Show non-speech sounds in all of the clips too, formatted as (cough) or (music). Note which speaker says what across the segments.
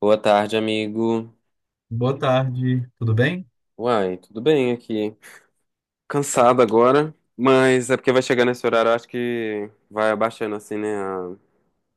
Speaker 1: Boa tarde, amigo.
Speaker 2: Boa tarde, tudo bem?
Speaker 1: Uai, tudo bem aqui? Cansado agora, mas é porque vai chegar nesse horário, eu acho que vai abaixando assim, né? A,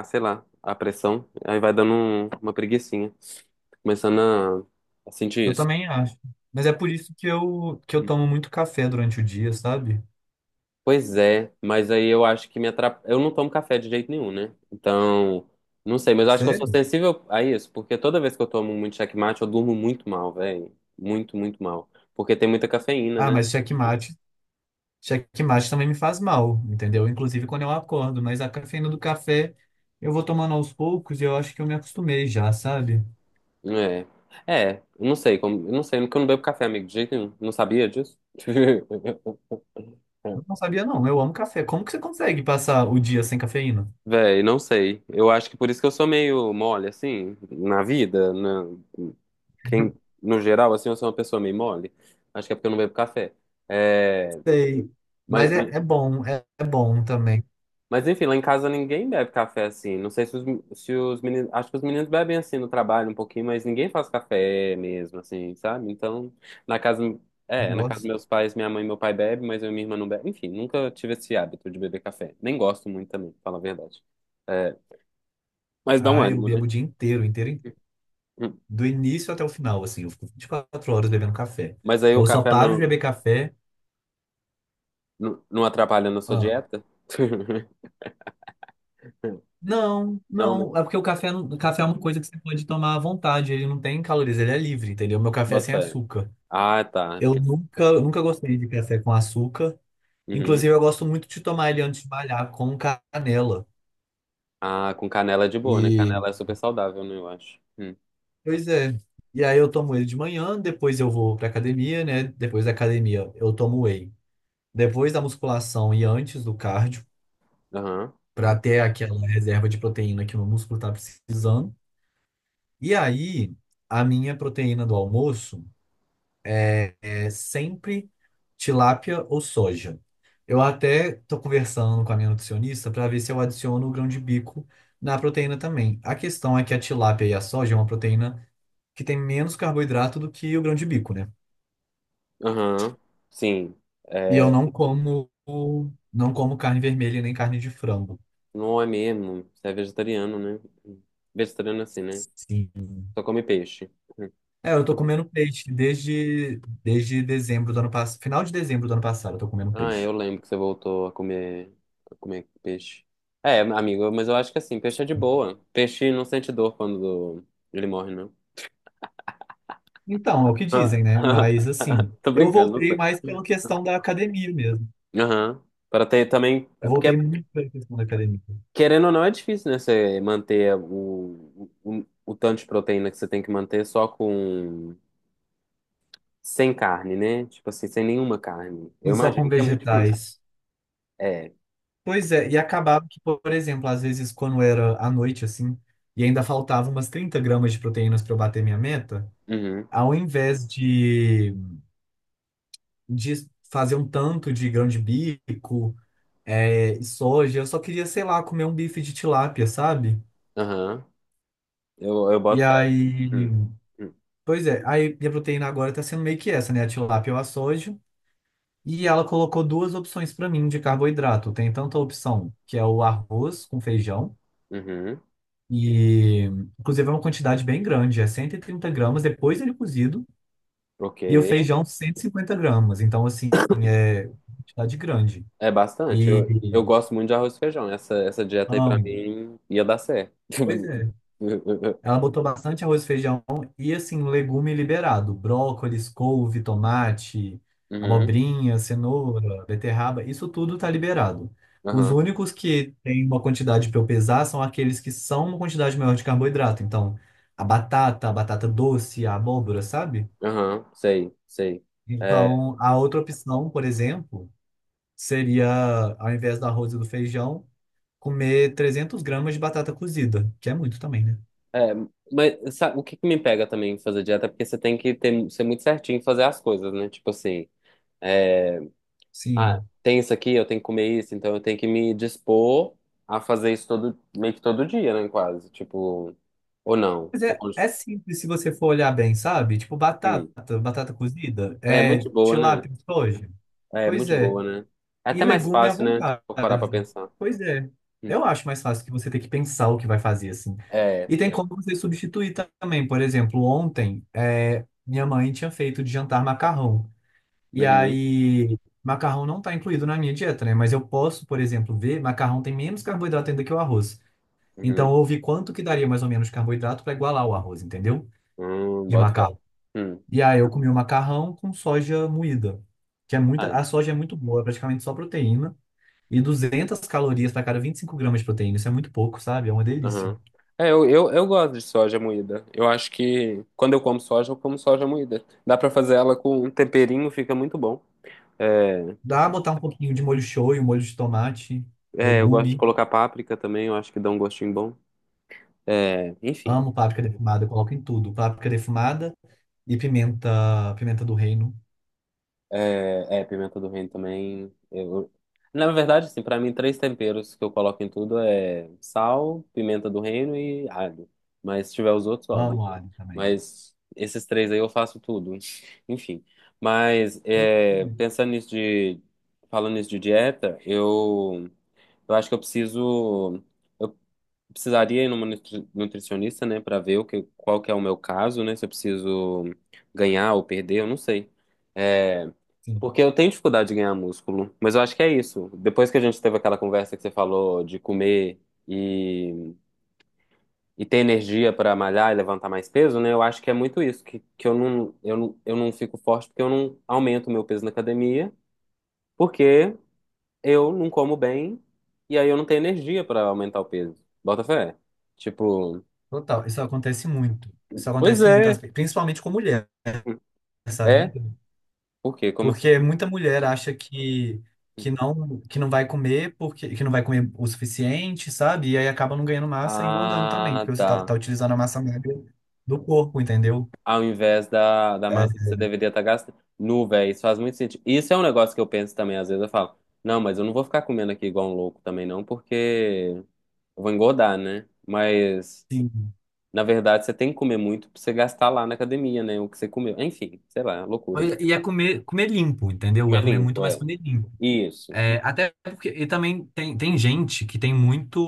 Speaker 1: a, Sei lá, a pressão. Aí vai dando uma preguicinha. Começando a sentir
Speaker 2: Eu
Speaker 1: isso.
Speaker 2: também acho. Mas é por isso que eu tomo muito café durante o dia, sabe?
Speaker 1: Pois é, mas aí eu acho que me atrapalha. Eu não tomo café de jeito nenhum, né? Então, não sei, mas eu acho que eu sou
Speaker 2: Sério?
Speaker 1: sensível a isso, porque toda vez que eu tomo muito checkmate, eu durmo muito mal, velho. Muito, muito mal. Porque tem muita cafeína,
Speaker 2: Ah,
Speaker 1: né?
Speaker 2: mas checkmate também me faz mal, entendeu? Inclusive quando eu acordo, mas a cafeína do café eu vou tomando aos poucos e eu acho que eu me acostumei já, sabe?
Speaker 1: É. É, eu não sei como. Eu não sei, porque eu não bebo café, amigo, de jeito nenhum. Não sabia disso? (laughs)
Speaker 2: Não sabia não, eu amo café. Como que você consegue passar o dia sem cafeína?
Speaker 1: Véi, não sei. Eu acho que por isso que eu sou meio mole, assim, na vida, na... Quem,
Speaker 2: (laughs)
Speaker 1: no geral, assim, eu sou uma pessoa meio mole. Acho que é porque eu não bebo café. É...
Speaker 2: Sei.
Speaker 1: Mas,
Speaker 2: Mas é,
Speaker 1: mas,
Speaker 2: é bom, é bom também.
Speaker 1: Mas enfim, lá em casa ninguém bebe café assim. Não sei se os meninos. Acho que os meninos bebem assim no trabalho um pouquinho, mas ninguém faz café mesmo, assim, sabe? Então, na casa. É, na casa dos
Speaker 2: Nossa.
Speaker 1: meus pais, minha mãe e meu pai bebem, mas eu e minha irmã não bebe. Enfim, nunca tive esse hábito de beber café. Nem gosto muito também, pra falar a verdade. É, mas dá um
Speaker 2: Ah, eu
Speaker 1: ânimo, né?
Speaker 2: bebo o dia inteiro,
Speaker 1: Hum.
Speaker 2: do início até o final, assim. Eu fico 24 horas bebendo café.
Speaker 1: Mas aí o
Speaker 2: Eu só
Speaker 1: café
Speaker 2: paro de beber café.
Speaker 1: não atrapalha na sua
Speaker 2: Ah,
Speaker 1: dieta? (laughs)
Speaker 2: não,
Speaker 1: Não, não.
Speaker 2: não. É porque o café, o café é uma coisa que você pode tomar à vontade. Ele não tem calorias, ele é livre, entendeu? Meu café é
Speaker 1: Bota
Speaker 2: sem
Speaker 1: fé.
Speaker 2: açúcar.
Speaker 1: Ah, tá.
Speaker 2: Eu nunca gostei de café com açúcar. Inclusive,
Speaker 1: Uhum.
Speaker 2: eu gosto muito de tomar ele antes de malhar com canela.
Speaker 1: Ah, com canela é de boa, né?
Speaker 2: E,
Speaker 1: Canela é super saudável, né? Eu acho. Hum.
Speaker 2: pois é. E aí eu tomo ele de manhã, depois eu vou pra academia, né? Depois da academia eu tomo whey. Depois da musculação e antes do cardio,
Speaker 1: Aham,
Speaker 2: para ter aquela reserva de proteína que o meu músculo está precisando. E aí, a minha proteína do almoço é sempre tilápia ou soja. Eu até estou conversando com a minha nutricionista para ver se eu adiciono o grão de bico na proteína também. A questão é que a tilápia e a soja é uma proteína que tem menos carboidrato do que o grão de bico, né?
Speaker 1: aham, sim.
Speaker 2: E
Speaker 1: É,
Speaker 2: eu não como carne vermelha nem carne de frango.
Speaker 1: não é mesmo, você é vegetariano, né? Vegetariano é assim, né?
Speaker 2: Sim.
Speaker 1: Só come peixe.
Speaker 2: É, eu tô comendo peixe desde dezembro do ano passado, final de dezembro do ano passado, eu tô comendo
Speaker 1: Ah,
Speaker 2: peixe.
Speaker 1: eu lembro que você voltou a comer peixe. É, amigo, mas eu acho que assim, peixe é de boa. Peixe não sente dor quando ele morre, não.
Speaker 2: Então, é o que dizem, né? Mas assim,
Speaker 1: (laughs) Tô
Speaker 2: eu
Speaker 1: brincando, não
Speaker 2: voltei
Speaker 1: sei.
Speaker 2: mais pela questão da academia mesmo.
Speaker 1: Aham. Para ter também.
Speaker 2: Eu
Speaker 1: É porque,
Speaker 2: voltei muito pela questão da academia.
Speaker 1: querendo ou não, é difícil, né? Você manter o tanto de proteína que você tem que manter só com. Sem carne, né? Tipo assim, sem nenhuma carne.
Speaker 2: Sim,
Speaker 1: Eu
Speaker 2: só com
Speaker 1: imagino que é muito difícil.
Speaker 2: vegetais.
Speaker 1: É.
Speaker 2: Pois é, e acabava que, por exemplo, às vezes quando era à noite, assim, e ainda faltava umas 30 gramas de proteínas para eu bater minha meta,
Speaker 1: Uhum.
Speaker 2: ao invés de fazer um tanto de grão de bico é, e soja. Eu só queria, sei lá, comer um bife de tilápia, sabe?
Speaker 1: Aham. Eu
Speaker 2: E
Speaker 1: boto fé. Hum,
Speaker 2: aí,
Speaker 1: hum,
Speaker 2: pois é, aí minha proteína agora tá sendo meio que essa, né? A tilápia ou a soja. E ela colocou duas opções pra mim de carboidrato. Tem tanto a opção que é o arroz com feijão,
Speaker 1: Uhum.
Speaker 2: e inclusive é uma quantidade bem grande, é 130 gramas depois ele é cozido,
Speaker 1: Ok.
Speaker 2: e o feijão 150 gramas. Então, assim, é quantidade grande.
Speaker 1: É bastante.
Speaker 2: E
Speaker 1: Eu gosto muito de arroz e feijão. Essa dieta aí pra
Speaker 2: amo.
Speaker 1: mim ia dar certo.
Speaker 2: Pois é. Ela
Speaker 1: (laughs)
Speaker 2: botou bastante arroz e feijão e, assim, legume liberado. Brócolis, couve, tomate,
Speaker 1: Uhum.
Speaker 2: abobrinha, cenoura, beterraba, isso tudo tá liberado. Os
Speaker 1: Aham.
Speaker 2: únicos que tem uma quantidade para eu pesar são aqueles que são uma quantidade maior de carboidrato. Então, a batata doce, a abóbora, sabe?
Speaker 1: Aham. Sei, sei. É,
Speaker 2: Então, a outra opção, por exemplo, seria, ao invés do arroz e do feijão, comer 300 gramas de batata cozida, que é muito também, né?
Speaker 1: é, mas sabe, o que que me pega também em fazer dieta é porque você tem que ter, ser muito certinho em fazer as coisas, né? Tipo assim. É, ah,
Speaker 2: Sim.
Speaker 1: tem isso aqui, eu tenho que comer isso, então eu tenho que me dispor a fazer isso todo, meio que todo dia, né, quase. Tipo, ou não.
Speaker 2: Mas é, é simples se você for olhar bem, sabe? Tipo batata,
Speaker 1: Hum.
Speaker 2: batata cozida,
Speaker 1: É muito
Speaker 2: é
Speaker 1: de boa, né?
Speaker 2: tilápia, soja.
Speaker 1: É
Speaker 2: Pois
Speaker 1: muito de
Speaker 2: é.
Speaker 1: boa, né? É
Speaker 2: E
Speaker 1: até mais
Speaker 2: legume à
Speaker 1: fácil, né? Se
Speaker 2: vontade.
Speaker 1: for parar pra pensar.
Speaker 2: Pois é.
Speaker 1: Hum.
Speaker 2: Eu acho mais fácil que você ter que pensar o que vai fazer, assim.
Speaker 1: É.
Speaker 2: E tem como você substituir também. Por exemplo, ontem, é, minha mãe tinha feito de jantar macarrão. E
Speaker 1: Uhum,
Speaker 2: aí, macarrão não está incluído na minha dieta, né? Mas eu posso, por exemplo, ver, macarrão tem menos carboidrato ainda que o arroz.
Speaker 1: uhum.
Speaker 2: Então, eu vi quanto que daria mais ou menos de carboidrato para igualar o arroz, entendeu? De
Speaker 1: Bota fé.
Speaker 2: macarrão.
Speaker 1: Hum.
Speaker 2: E aí eu comi o macarrão com soja moída, que é muita,
Speaker 1: Ah,
Speaker 2: a soja é muito boa, é praticamente só proteína e 200 calorias para cada 25 gramas de proteína. Isso é muito pouco, sabe? É uma delícia.
Speaker 1: aham. É, eu gosto de soja moída. Eu acho que quando eu como soja moída. Dá pra fazer ela com um temperinho, fica muito bom. É,
Speaker 2: Dá pra botar um pouquinho de molho shoyu, molho de tomate,
Speaker 1: é, eu gosto de
Speaker 2: legume.
Speaker 1: colocar páprica também, eu acho que dá um gostinho bom. É, enfim,
Speaker 2: Amo páprica defumada, eu coloco em tudo. Páprica defumada e pimenta, pimenta do reino.
Speaker 1: é, é, pimenta do reino também. Eu... Na verdade, assim, para mim, três temperos que eu coloco em tudo é sal, pimenta do reino e alho. Mas se tiver os outros, óbvio,
Speaker 2: Amo
Speaker 1: né?
Speaker 2: alho também.
Speaker 1: Mas esses três aí eu faço tudo. (laughs) Enfim. Mas
Speaker 2: Pois
Speaker 1: é,
Speaker 2: é.
Speaker 1: pensando nisso de... Falando nisso de dieta, eu acho que eu preciso... precisaria ir numa nutricionista, né, para ver o que, qual que é o meu caso, né, se eu preciso ganhar ou perder, eu não sei. É,
Speaker 2: Sim,
Speaker 1: porque eu tenho dificuldade de ganhar músculo, mas eu acho que é isso. Depois que a gente teve aquela conversa que você falou de comer e, e ter energia para malhar e levantar mais peso, né, eu acho que é muito isso, que eu não fico forte porque eu não aumento o meu peso na academia, porque eu não como bem e aí eu não tenho energia para aumentar o peso. Bota fé. Tipo,
Speaker 2: total. Isso acontece muito. Isso
Speaker 1: pois
Speaker 2: acontece muito,
Speaker 1: é.
Speaker 2: principalmente com mulher, sabe?
Speaker 1: É? Por quê? Como assim?
Speaker 2: Porque muita mulher acha que não vai comer porque que não vai comer o suficiente, sabe? E aí acaba não ganhando massa e engordando também,
Speaker 1: Ah,
Speaker 2: porque você tá
Speaker 1: tá.
Speaker 2: utilizando a massa magra do corpo, entendeu?
Speaker 1: Ao invés da
Speaker 2: É,
Speaker 1: massa que você deveria estar gastando. Nu, velho, isso faz muito sentido. Isso é um negócio que eu penso também, às vezes eu falo, não, mas eu não vou ficar comendo aqui igual um louco também, não, porque eu vou engordar, né? Mas,
Speaker 2: sim.
Speaker 1: na verdade, você tem que comer muito pra você gastar lá na academia, né? O que você comeu. Enfim, sei lá, loucura isso.
Speaker 2: E é comer limpo, entendeu?
Speaker 1: Comer
Speaker 2: É comer muito
Speaker 1: limpo,
Speaker 2: mais
Speaker 1: é.
Speaker 2: comer limpo.
Speaker 1: Isso.
Speaker 2: É, até porque. E também tem gente que tem muito.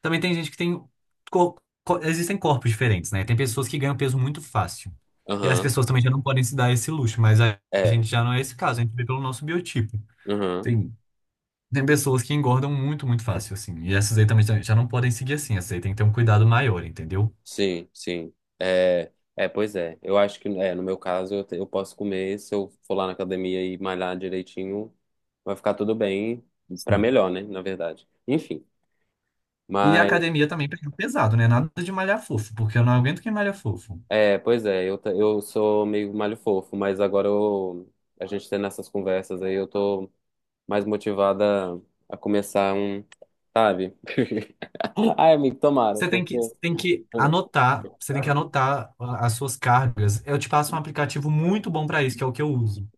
Speaker 2: Também tem gente que tem. co- Existem corpos diferentes, né? Tem pessoas que ganham peso muito fácil. E as
Speaker 1: Aham.
Speaker 2: pessoas também já não podem se dar esse luxo, mas a
Speaker 1: É.
Speaker 2: gente já não é esse caso, a gente vê pelo nosso biotipo.
Speaker 1: Aham.
Speaker 2: Tem, tem pessoas que engordam muito fácil, assim. E essas aí também já não podem seguir assim, essas aí tem que ter um cuidado maior, entendeu?
Speaker 1: Sim, sim. É, é, pois é. Eu acho que, é, no meu caso, eu, eu posso comer. Se eu for lá na academia e malhar direitinho, vai ficar tudo bem. Pra
Speaker 2: Sim.
Speaker 1: melhor, né? Na verdade. Enfim.
Speaker 2: E a
Speaker 1: Mas,
Speaker 2: academia também pega pesado, né? Nada de malhar fofo, porque eu não aguento quem malha fofo.
Speaker 1: é, pois é. Eu, eu sou meio malho fofo, mas agora a gente tendo essas conversas aí, eu tô mais motivada a começar um, sabe? (laughs) Ai, amigo, tomara,
Speaker 2: Você tem
Speaker 1: porque.
Speaker 2: que, tem que
Speaker 1: Hum,
Speaker 2: anotar, você tem que anotar as suas cargas. Eu te passo um aplicativo muito bom para isso, que é o que eu uso,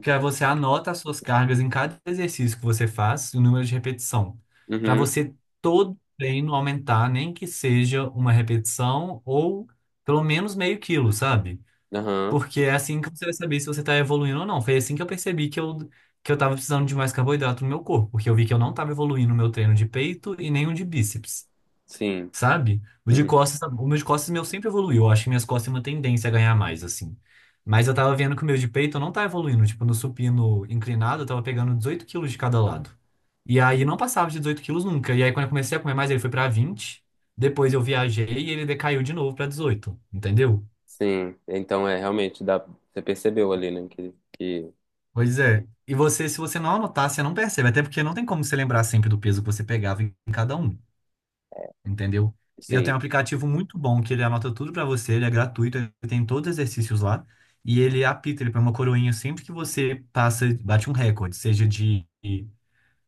Speaker 2: que aí você anota as suas cargas em cada exercício que você faz, o número de repetição, para
Speaker 1: uhum,
Speaker 2: você todo treino aumentar, nem que seja uma repetição ou pelo menos meio quilo, sabe?
Speaker 1: aham,
Speaker 2: Porque é assim que você vai saber se você está evoluindo ou não. Foi assim que eu percebi que eu estava precisando de mais carboidrato no meu corpo, porque eu vi que eu não estava evoluindo o meu treino de peito e nem o de bíceps.
Speaker 1: sim.
Speaker 2: Sabe? O de
Speaker 1: Uhum.
Speaker 2: costas, o meu de costas meu sempre evoluiu. Eu acho que minhas costas têm uma tendência a ganhar mais, assim. Mas eu tava vendo que o meu de peito não tá evoluindo. Tipo, no supino inclinado, eu tava pegando 18 quilos de cada lado. E aí não passava de 18 quilos nunca. E aí quando eu comecei a comer mais, ele foi pra 20. Depois eu viajei e ele decaiu de novo pra 18. Entendeu?
Speaker 1: Sim, então é realmente dá, você percebeu ali, né, que
Speaker 2: Pois é. E você, se você não anotar, você não percebe. Até porque não tem como você lembrar sempre do peso que você pegava em cada um. Entendeu? E eu tenho um
Speaker 1: sim,
Speaker 2: aplicativo muito bom que ele anota tudo pra você, ele é gratuito, ele tem todos os exercícios lá e ele apita, ele põe uma coroinha sempre que você passa, bate um recorde, seja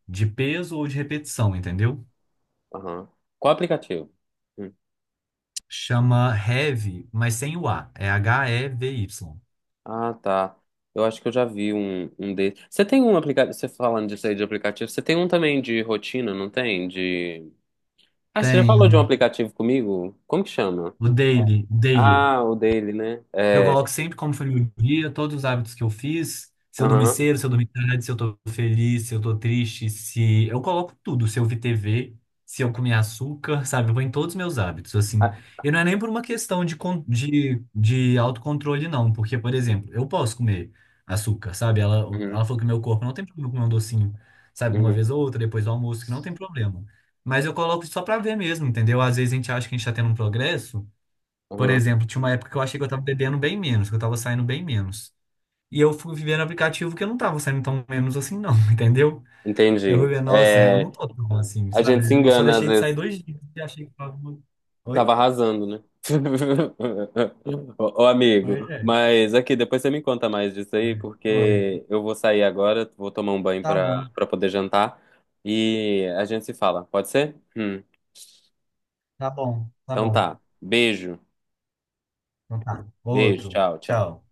Speaker 2: de peso ou de repetição, entendeu?
Speaker 1: aham. Qual aplicativo? Hum.
Speaker 2: Chama Heavy, mas sem o A, é H-E-V-Y.
Speaker 1: Ah, tá. Eu acho que eu já vi um desses. Você tem um aplicativo, você falando disso aí de aplicativo, você tem um também de rotina, não tem? De... Ah, você já falou de um
Speaker 2: Tenho
Speaker 1: aplicativo comigo? Como que chama?
Speaker 2: o Daily.
Speaker 1: Ah, o dele, né?
Speaker 2: Eu
Speaker 1: É,
Speaker 2: coloco sempre como foi meu dia, todos os hábitos que eu fiz, se eu dormi
Speaker 1: aham.
Speaker 2: cedo, se eu dormi tarde, se eu tô feliz, se eu tô triste, se... Eu coloco tudo, se eu vi TV, se eu comi açúcar, (laughs) sabe? Eu vou em todos os meus hábitos, assim.
Speaker 1: Ah,
Speaker 2: E não é nem por uma questão de autocontrole, não. Porque, por exemplo, eu posso comer açúcar, sabe? Ela,
Speaker 1: uhum,
Speaker 2: ela falou que meu corpo não tem problema comer um docinho, sabe? Uma vez
Speaker 1: uhum,
Speaker 2: ou outra, depois do almoço, que não tem problema. Mas eu coloco só pra ver mesmo, entendeu? Às vezes a gente acha que a gente tá tendo um progresso, por
Speaker 1: aham.
Speaker 2: exemplo, tinha uma época que eu achei que eu tava bebendo bem menos, que eu tava saindo bem menos. E eu fui vivendo aplicativo que eu não tava saindo tão menos assim, não, (laughs) entendeu? Eu
Speaker 1: Entendi.
Speaker 2: fui ver, nossa, eu
Speaker 1: É,
Speaker 2: não tô tão assim,
Speaker 1: a gente se
Speaker 2: sabe? Eu só
Speaker 1: engana às
Speaker 2: deixei de sair
Speaker 1: vezes.
Speaker 2: dois dias e achei que tava.
Speaker 1: Tava
Speaker 2: Oi?
Speaker 1: arrasando, né? (laughs) Ô, ô,
Speaker 2: Oi,
Speaker 1: amigo,
Speaker 2: é.
Speaker 1: mas aqui, depois você me conta mais disso aí,
Speaker 2: Oi.
Speaker 1: porque eu vou sair agora, vou tomar um banho
Speaker 2: Tá bom,
Speaker 1: pra poder jantar e a gente se fala, pode ser?
Speaker 2: tá bom, tá
Speaker 1: Então
Speaker 2: bom.
Speaker 1: tá. Beijo,
Speaker 2: Então tá.
Speaker 1: beijo,
Speaker 2: Outro.
Speaker 1: tchau, tchau.
Speaker 2: Tchau.